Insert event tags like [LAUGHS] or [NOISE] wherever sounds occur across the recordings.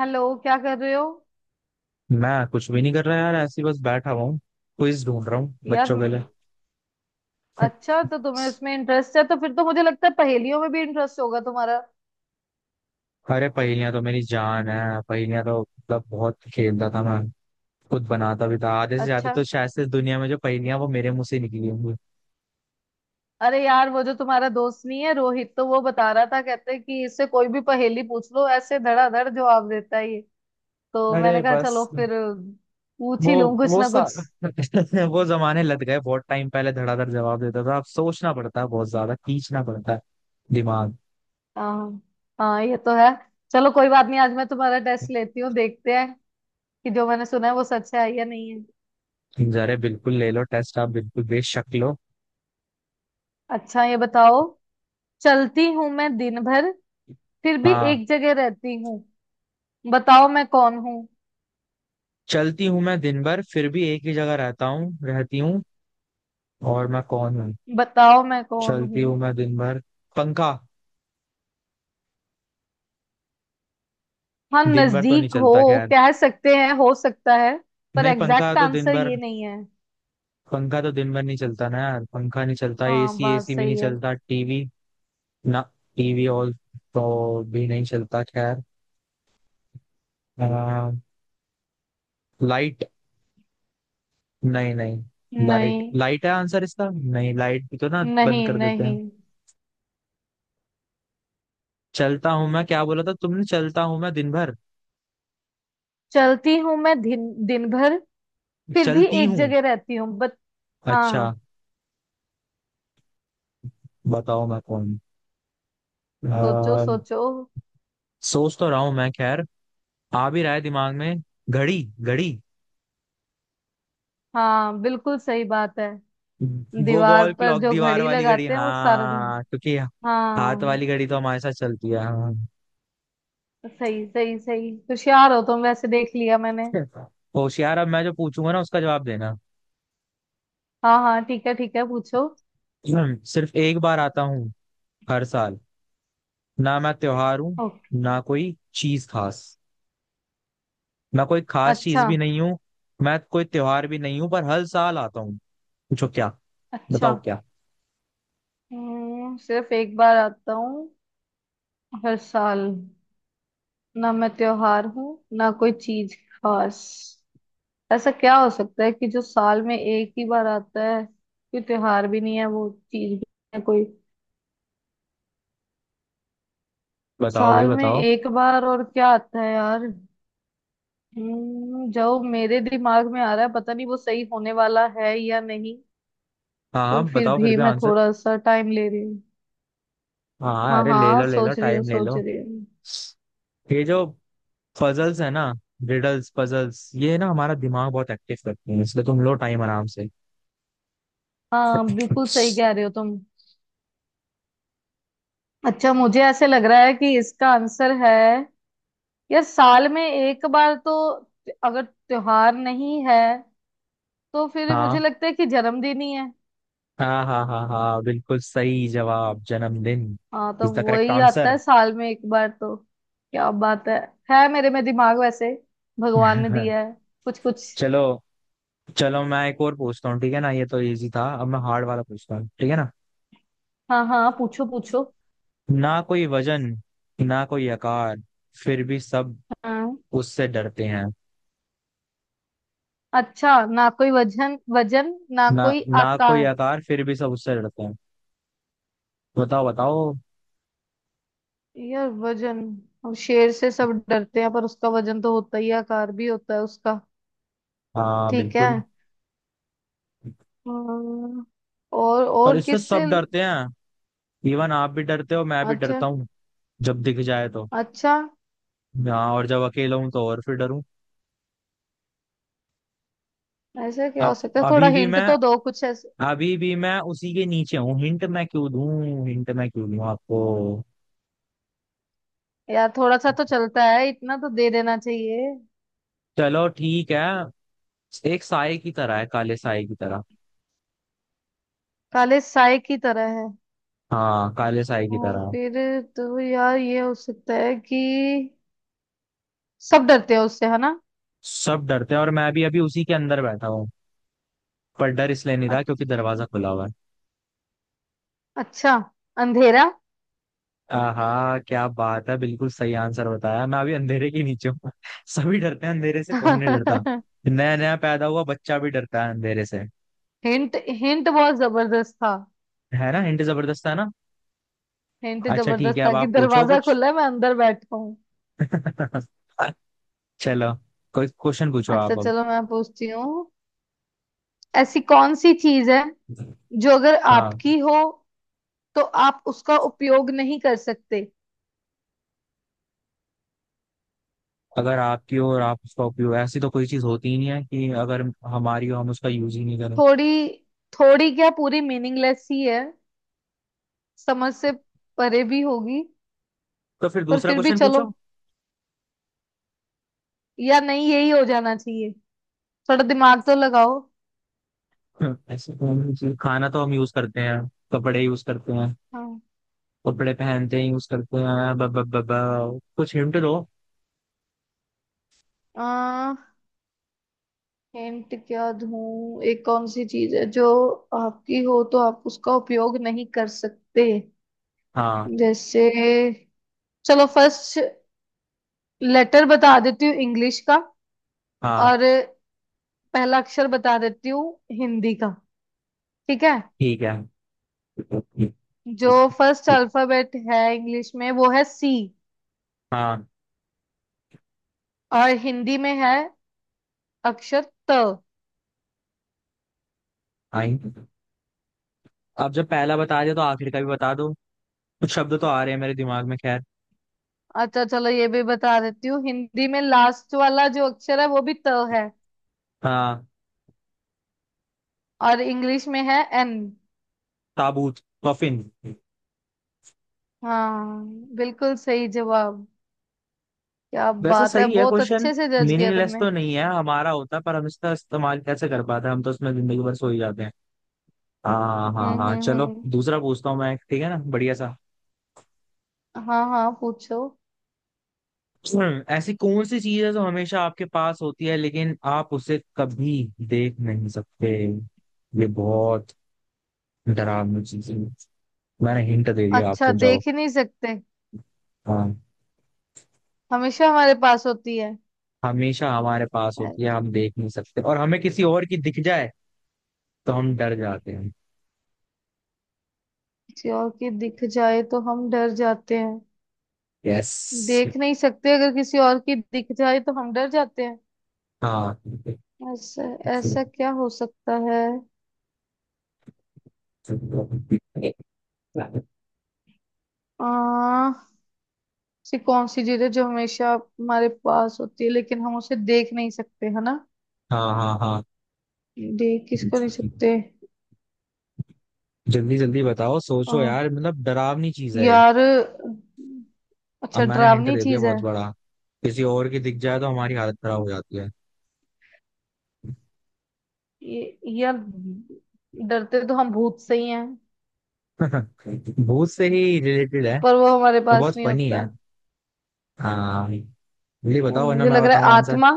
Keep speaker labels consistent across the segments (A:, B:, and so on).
A: Hello, क्या कर रहे हो।
B: मैं कुछ भी नहीं कर रहा यार, ऐसे ही बस बैठा हुआ हूँ। क्विज ढूंढ रहा हूँ
A: यार
B: बच्चों के लिए।
A: म- अच्छा, तो तुम्हें
B: [LAUGHS]
A: उसमें इंटरेस्ट है। तो फिर तो मुझे लगता है पहेलियों में भी इंटरेस्ट होगा तुम्हारा।
B: अरे पहेलियां तो मेरी जान है। पहेलियां तो मतलब बहुत खेलता था मैं, खुद बनाता भी था आधे से ज्यादा।
A: अच्छा।
B: तो शायद से दुनिया में जो पहेलियां वो मेरे मुंह से निकली होंगी।
A: अरे यार, वो जो तुम्हारा दोस्त नहीं है रोहित, तो वो बता रहा था, कहते हैं कि इससे कोई भी पहेली पूछ लो, ऐसे धड़ाधड़ जवाब देता है ये। तो मैंने
B: अरे
A: कहा चलो
B: बस।
A: फिर पूछ
B: वो
A: ही लूं कुछ
B: वो
A: ना
B: सा
A: कुछ।
B: [LAUGHS] वो जमाने लग गए, बहुत टाइम पहले धड़ाधड़ जवाब देता था, अब सोचना पड़ता है, बहुत ज्यादा खींचना पड़ता है दिमाग।
A: हाँ हाँ, ये तो है। चलो कोई बात नहीं, आज मैं तुम्हारा टेस्ट लेती हूँ, देखते हैं कि जो मैंने सुना है वो सच है या नहीं है।
B: अरे बिल्कुल ले लो टेस्ट, आप बिल्कुल बेशक लो।
A: अच्छा, ये बताओ। चलती हूँ मैं दिन भर, फिर भी
B: हाँ।
A: एक जगह रहती हूँ। बताओ मैं कौन हूँ।
B: चलती हूँ मैं दिन भर, फिर भी एक ही जगह रहता हूँ रहती हूँ। और मैं कौन हूँ?
A: बताओ मैं कौन
B: चलती
A: हूँ।
B: हूँ मैं दिन भर। पंखा।
A: हाँ,
B: दिन भर तो नहीं
A: नजदीक हो।
B: चलता, खैर।
A: कह सकते हैं, हो सकता है, पर
B: नहीं, पंखा
A: एग्जैक्ट
B: तो दिन
A: आंसर
B: भर।
A: ये नहीं है।
B: पंखा तो दिन भर नहीं चलता ना यार। पंखा नहीं चलता।
A: हाँ,
B: एसी
A: बात
B: एसी भी नहीं
A: सही है।
B: चलता। टीवी ना। टीवी और तो भी नहीं चलता, खैर। लाइट। नहीं नहीं।
A: नहीं
B: लाइट लाइट है आंसर इसका, नहीं, लाइट भी तो ना बंद
A: नहीं
B: कर देते
A: नहीं।
B: हैं। चलता हूँ मैं, क्या बोला था तुमने, चलता हूँ मैं दिन भर।
A: चलती हूँ मैं दिन दिन भर, फिर भी
B: चलती
A: एक
B: हूँ।
A: जगह रहती हूँ, बट।
B: अच्छा।
A: हाँ,
B: बताओ मैं कौन हूँ?
A: सोचो
B: आ,
A: सोचो।
B: सोच तो रहा हूँ मैं खैर। आ भी रहा है दिमाग में। घड़ी घड़ी।
A: हाँ, बिल्कुल सही बात है।
B: वो
A: दीवार
B: वॉल
A: पर
B: क्लॉक,
A: जो
B: दीवार
A: घड़ी
B: वाली घड़ी,
A: लगाते हैं वो सारा दिन।
B: हाँ, क्योंकि हाथ
A: हाँ,
B: वाली घड़ी तो हमारे साथ चलती है। हाँ।
A: सही सही सही, होशियार हो तुम वैसे, देख लिया मैंने।
B: होशियार। अब मैं जो पूछूंगा ना उसका जवाब देना।
A: हाँ हाँ, ठीक है ठीक है, पूछो।
B: सिर्फ एक बार आता हूँ हर साल। ना मैं त्योहार हूँ,
A: ओके।
B: ना कोई चीज खास। मैं कोई खास चीज
A: अच्छा।
B: भी नहीं हूँ। मैं कोई त्योहार भी नहीं हूँ पर हर साल आता हूँ। पूछो क्या।
A: अच्छा।
B: बताओ क्या।
A: सिर्फ एक बार आता हूँ हर साल, ना मैं त्योहार हूँ, ना कोई चीज खास। ऐसा क्या हो सकता है कि जो साल में एक ही बार आता है, कोई त्योहार भी नहीं है, वो चीज भी नहीं है कोई।
B: बताओ भाई
A: साल में
B: बताओ।
A: एक बार और क्या आता है यार। जो मेरे दिमाग में आ रहा है, पता नहीं वो सही होने वाला है या नहीं।
B: हाँ
A: पर
B: हाँ,
A: फिर
B: बताओ फिर
A: भी
B: भी
A: मैं
B: आंसर।
A: थोड़ा सा टाइम ले रही हूँ।
B: हाँ,
A: हाँ
B: अरे ले
A: हाँ,
B: लो ले लो,
A: सोच रही हूँ
B: टाइम ले
A: सोच
B: लो।
A: रही हूँ।
B: ये जो पजल्स है ना, रिडल्स पजल्स, ये ना हमारा दिमाग बहुत एक्टिव करती है, इसलिए तुम लो टाइम आराम से।
A: हाँ, बिल्कुल सही कह रहे हो तुम। अच्छा, मुझे ऐसे लग रहा है कि इसका आंसर है, यार साल में एक बार तो अगर त्योहार नहीं है तो फिर मुझे
B: हाँ
A: लगता है कि जन्मदिन ही है।
B: हाँ हाँ हाँ हाँ, बिल्कुल सही जवाब, जन्मदिन
A: हाँ, तो
B: इज द करेक्ट
A: वही आता
B: आंसर।
A: है साल में एक बार, तो क्या बात है मेरे में दिमाग वैसे, भगवान ने दिया
B: [LAUGHS]
A: है कुछ कुछ।
B: चलो। चलो मैं एक और पूछता हूँ, ठीक है ना, ये तो इजी था, अब मैं हार्ड वाला पूछता हूँ ठीक है ना।
A: हाँ हाँ, पूछो पूछो।
B: ना कोई वजन, ना कोई आकार, फिर भी सब
A: हाँ।
B: उससे डरते हैं।
A: अच्छा, ना कोई वजन वजन, ना
B: ना
A: कोई
B: ना कोई
A: आकार।
B: आकार, फिर भी सब उससे डरते हैं। बताओ बताओ।
A: यार वजन, अब शेर से सब डरते हैं, पर उसका वजन तो होता ही है, आकार भी होता है उसका।
B: हाँ
A: ठीक है।
B: बिल्कुल।
A: अम्म, और
B: और
A: और
B: इससे
A: किससे।
B: सब डरते हैं, इवन आप भी डरते हो, मैं भी
A: अच्छा।
B: डरता हूँ, जब दिख जाए तो।
A: अच्छा,
B: हाँ, और जब अकेला हूं तो और फिर डरूं।
A: ऐसा क्या हो
B: अब
A: सकता है, थोड़ा
B: अभी भी
A: हिंट
B: मैं
A: तो दो कुछ ऐसे।
B: अभी भी मैं उसी के नीचे हूँ। हिंट मैं क्यों दूं, हिंट मैं क्यों दूं आपको।
A: यार थोड़ा सा तो चलता है, इतना तो दे देना चाहिए।
B: चलो ठीक है। एक साए की तरह है, काले साए की तरह।
A: काले साए की तरह है।
B: हाँ, काले साए की
A: और
B: तरह है।
A: फिर, तो यार ये हो सकता है कि सब डरते हैं उससे, है ना।
B: सब डरते हैं, और मैं भी अभी उसी के अंदर बैठा हूँ, पर डर इसलिए नहीं रहा क्योंकि
A: अच्छ-
B: दरवाजा खुला हुआ है।
A: अच्छा, अंधेरा।
B: हाँ, क्या बात है, बिल्कुल सही आंसर बताया। मैं अभी अंधेरे के नीचे हूँ। [LAUGHS] सभी डरते हैं अंधेरे से, कौन नहीं डरता।
A: [LAUGHS]
B: नया नया पैदा हुआ बच्चा भी डरता है अंधेरे से।
A: हिंट हिंट बहुत जबरदस्त था।
B: है ना, हिंट जबरदस्त है ना।
A: हिंट
B: अच्छा ठीक
A: जबरदस्त
B: है,
A: था
B: अब
A: कि
B: आप पूछो
A: दरवाजा
B: कुछ।
A: खुला है मैं अंदर बैठा हूँ।
B: [LAUGHS] चलो, कोई क्वेश्चन पूछो
A: अच्छा
B: आप अब।
A: चलो, मैं पूछती हूँ। ऐसी कौन सी चीज है जो अगर
B: हाँ।
A: आपकी हो तो आप उसका उपयोग नहीं कर सकते।
B: अगर आपकी हो और आप उसका उपयोग, ऐसी तो कोई चीज होती ही नहीं है कि अगर हमारी हो हम उसका यूज ही नहीं करें।
A: थोड़ी, थोड़ी क्या, पूरी मीनिंगलेस ही है, समझ से परे भी होगी,
B: तो फिर
A: पर
B: दूसरा
A: फिर भी
B: क्वेश्चन
A: चलो,
B: पूछो।
A: या नहीं, यही हो जाना चाहिए, थोड़ा दिमाग तो लगाओ।
B: [LAUGHS] ऐसे कौन सी चीज़- खाना तो हम यूज करते हैं, कपड़े यूज करते हैं,
A: हाँ।
B: कपड़े पहनते हैं यूज करते हैं, ब, ब, ब, ब, कुछ हिंट दो।
A: आ, हिंट क्या दूं, एक कौन सी चीज है जो आपकी हो तो आप उसका उपयोग नहीं कर सकते।
B: हाँ
A: जैसे, चलो फर्स्ट लेटर बता देती हूँ इंग्लिश का,
B: हाँ
A: और पहला अक्षर बता देती हूँ हिंदी का, ठीक है।
B: ठीक है
A: जो फर्स्ट अल्फाबेट है इंग्लिश में वो है सी,
B: हाँ।
A: और हिंदी में है अक्षर त।
B: आई। अब जब पहला बता दिया तो आखिर का भी बता दो, कुछ शब्द तो आ रहे हैं मेरे दिमाग में खैर।
A: अच्छा चलो, ये भी बता देती हूँ, हिंदी में लास्ट वाला जो अक्षर है वो भी त है,
B: हाँ।
A: और इंग्लिश में है एन।
B: ताबूत। कफिन।
A: हाँ, बिल्कुल सही जवाब। क्या
B: वैसे
A: बात है,
B: सही है
A: बहुत
B: क्वेश्चन,
A: अच्छे से जज किया
B: मीनिंगलेस
A: तुमने।
B: तो नहीं है, हमारा होता पर हम इसका इस्तेमाल कैसे कर पाते हैं, हम तो उसमें जिंदगी भर सो ही जाते हैं। हाँ हाँ हाँ, चलो
A: हम्म।
B: दूसरा पूछता हूँ मैं एक, ठीक है ना, बढ़िया सा।
A: हाँ हाँ, पूछो।
B: [CLEARS THROAT] ऐसी कौन सी चीज है जो हमेशा आपके पास होती है लेकिन आप उसे कभी देख नहीं सकते। ये बहुत डरावनी चीज है। मैंने हिंट दे दिया
A: अच्छा,
B: आपको, जाओ।
A: देख ही नहीं सकते,
B: हाँ,
A: हमेशा हमारे पास होती है,
B: हमेशा हमारे पास होती है,
A: किसी
B: हम देख नहीं सकते, और हमें किसी और की दिख जाए तो हम डर जाते हैं।
A: और की दिख जाए तो हम डर जाते हैं।
B: यस।
A: देख नहीं सकते, अगर किसी और की दिख जाए तो हम डर जाते हैं।
B: हाँ
A: ऐसा ऐसा क्या हो सकता है।
B: हाँ
A: आ, ऐसी कौन सी चीज है जो हमेशा हमारे पास होती है, लेकिन हम उसे देख नहीं सकते, है ना।
B: हाँ हाँ।
A: देख किसको नहीं सकते।
B: जल्दी जल्दी बताओ, सोचो
A: आ,
B: यार, मतलब डरावनी चीज है।
A: यार।
B: अब
A: अच्छा,
B: मैंने हिंट
A: डरावनी
B: दे दिया
A: चीज है।
B: बहुत बड़ा, किसी और की दिख जाए तो हमारी हालत खराब हो जाती है। [LAUGHS]
A: ये यार, डरते तो हम भूत से ही हैं,
B: भूत से ही रिलेटेड है,
A: पर वो हमारे
B: तो
A: पास
B: बहुत
A: नहीं
B: फनी
A: होता।
B: है। हाँ, ये बताओ वरना
A: मुझे
B: मैं
A: लग रहा है
B: बताऊं आंसर।
A: आत्मा।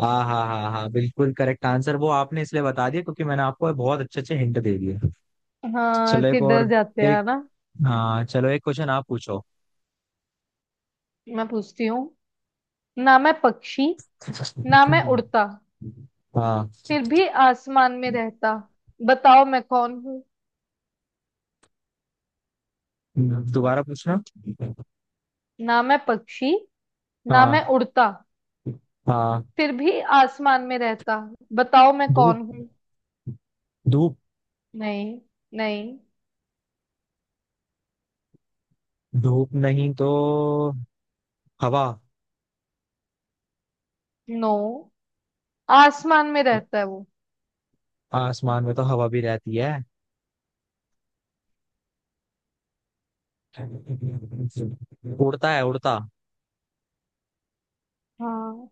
B: हाँ हाँ हाँ हाँ, बिल्कुल करेक्ट आंसर, वो आपने इसलिए बता दिया क्योंकि मैंने आपको बहुत अच्छे अच्छे हिंट दे दिए।
A: हाँ,
B: चलो एक
A: कि डर
B: और।
A: जाते हैं
B: एक।
A: ना।
B: हाँ चलो एक क्वेश्चन आप पूछो।
A: मैं पूछती हूँ, ना मैं पक्षी, ना मैं उड़ता,
B: हाँ।
A: फिर भी आसमान में रहता। बताओ मैं कौन हूँ।
B: दोबारा पूछना।
A: ना मैं पक्षी, ना मैं
B: हाँ
A: उड़ता,
B: हाँ।
A: फिर भी आसमान में रहता। बताओ मैं
B: धूप
A: कौन हूँ।
B: धूप।
A: नहीं। नहीं।
B: धूप नहीं तो हवा।
A: नो, आसमान में रहता है वो।
B: आसमान में तो हवा भी रहती है, उड़ता है उड़ता।
A: हाँ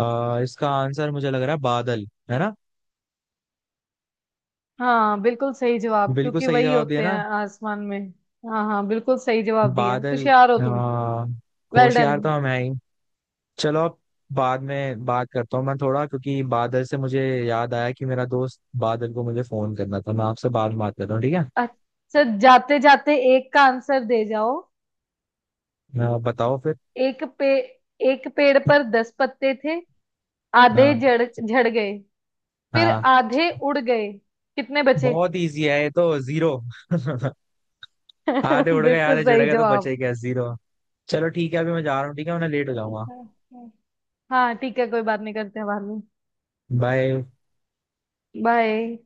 B: इसका आंसर मुझे लग रहा है बादल, है ना।
A: हाँ, बिल्कुल सही जवाब,
B: बिल्कुल
A: क्योंकि
B: सही
A: वही
B: जवाब दिया
A: होते हैं
B: ना।
A: आसमान में। हाँ हाँ, बिल्कुल सही जवाब दिया,
B: बादल।
A: होशियार हो तुम।
B: आ,
A: वेल डन।
B: होशियार तो हम है ही। चलो अब बाद में बात करता हूँ मैं थोड़ा, क्योंकि बादल से मुझे याद आया कि मेरा दोस्त बादल को मुझे फोन करना था, मैं आपसे बाद में बात करता हूँ ठीक है।
A: अच्छा, जाते जाते एक का आंसर दे जाओ।
B: बताओ फिर।
A: एक पे एक पेड़ पर 10 पत्ते थे, आधे
B: हाँ
A: झड़ झड़ गए, फिर
B: हाँ।
A: आधे उड़ गए, कितने बचे।
B: बहुत इजी है ये तो, जीरो। [LAUGHS] आधे
A: [LAUGHS]
B: उड़ गए
A: बिल्कुल
B: आधे चढ़
A: सही
B: गए तो
A: जवाब।
B: बचे क्या, जीरो। चलो ठीक है अभी मैं जा रहा हूँ, ठीक है, मैं लेट हो जाऊंगा।
A: हाँ ठीक है, कोई बात नहीं, करते हैं बाद में।
B: बाय।
A: बाय।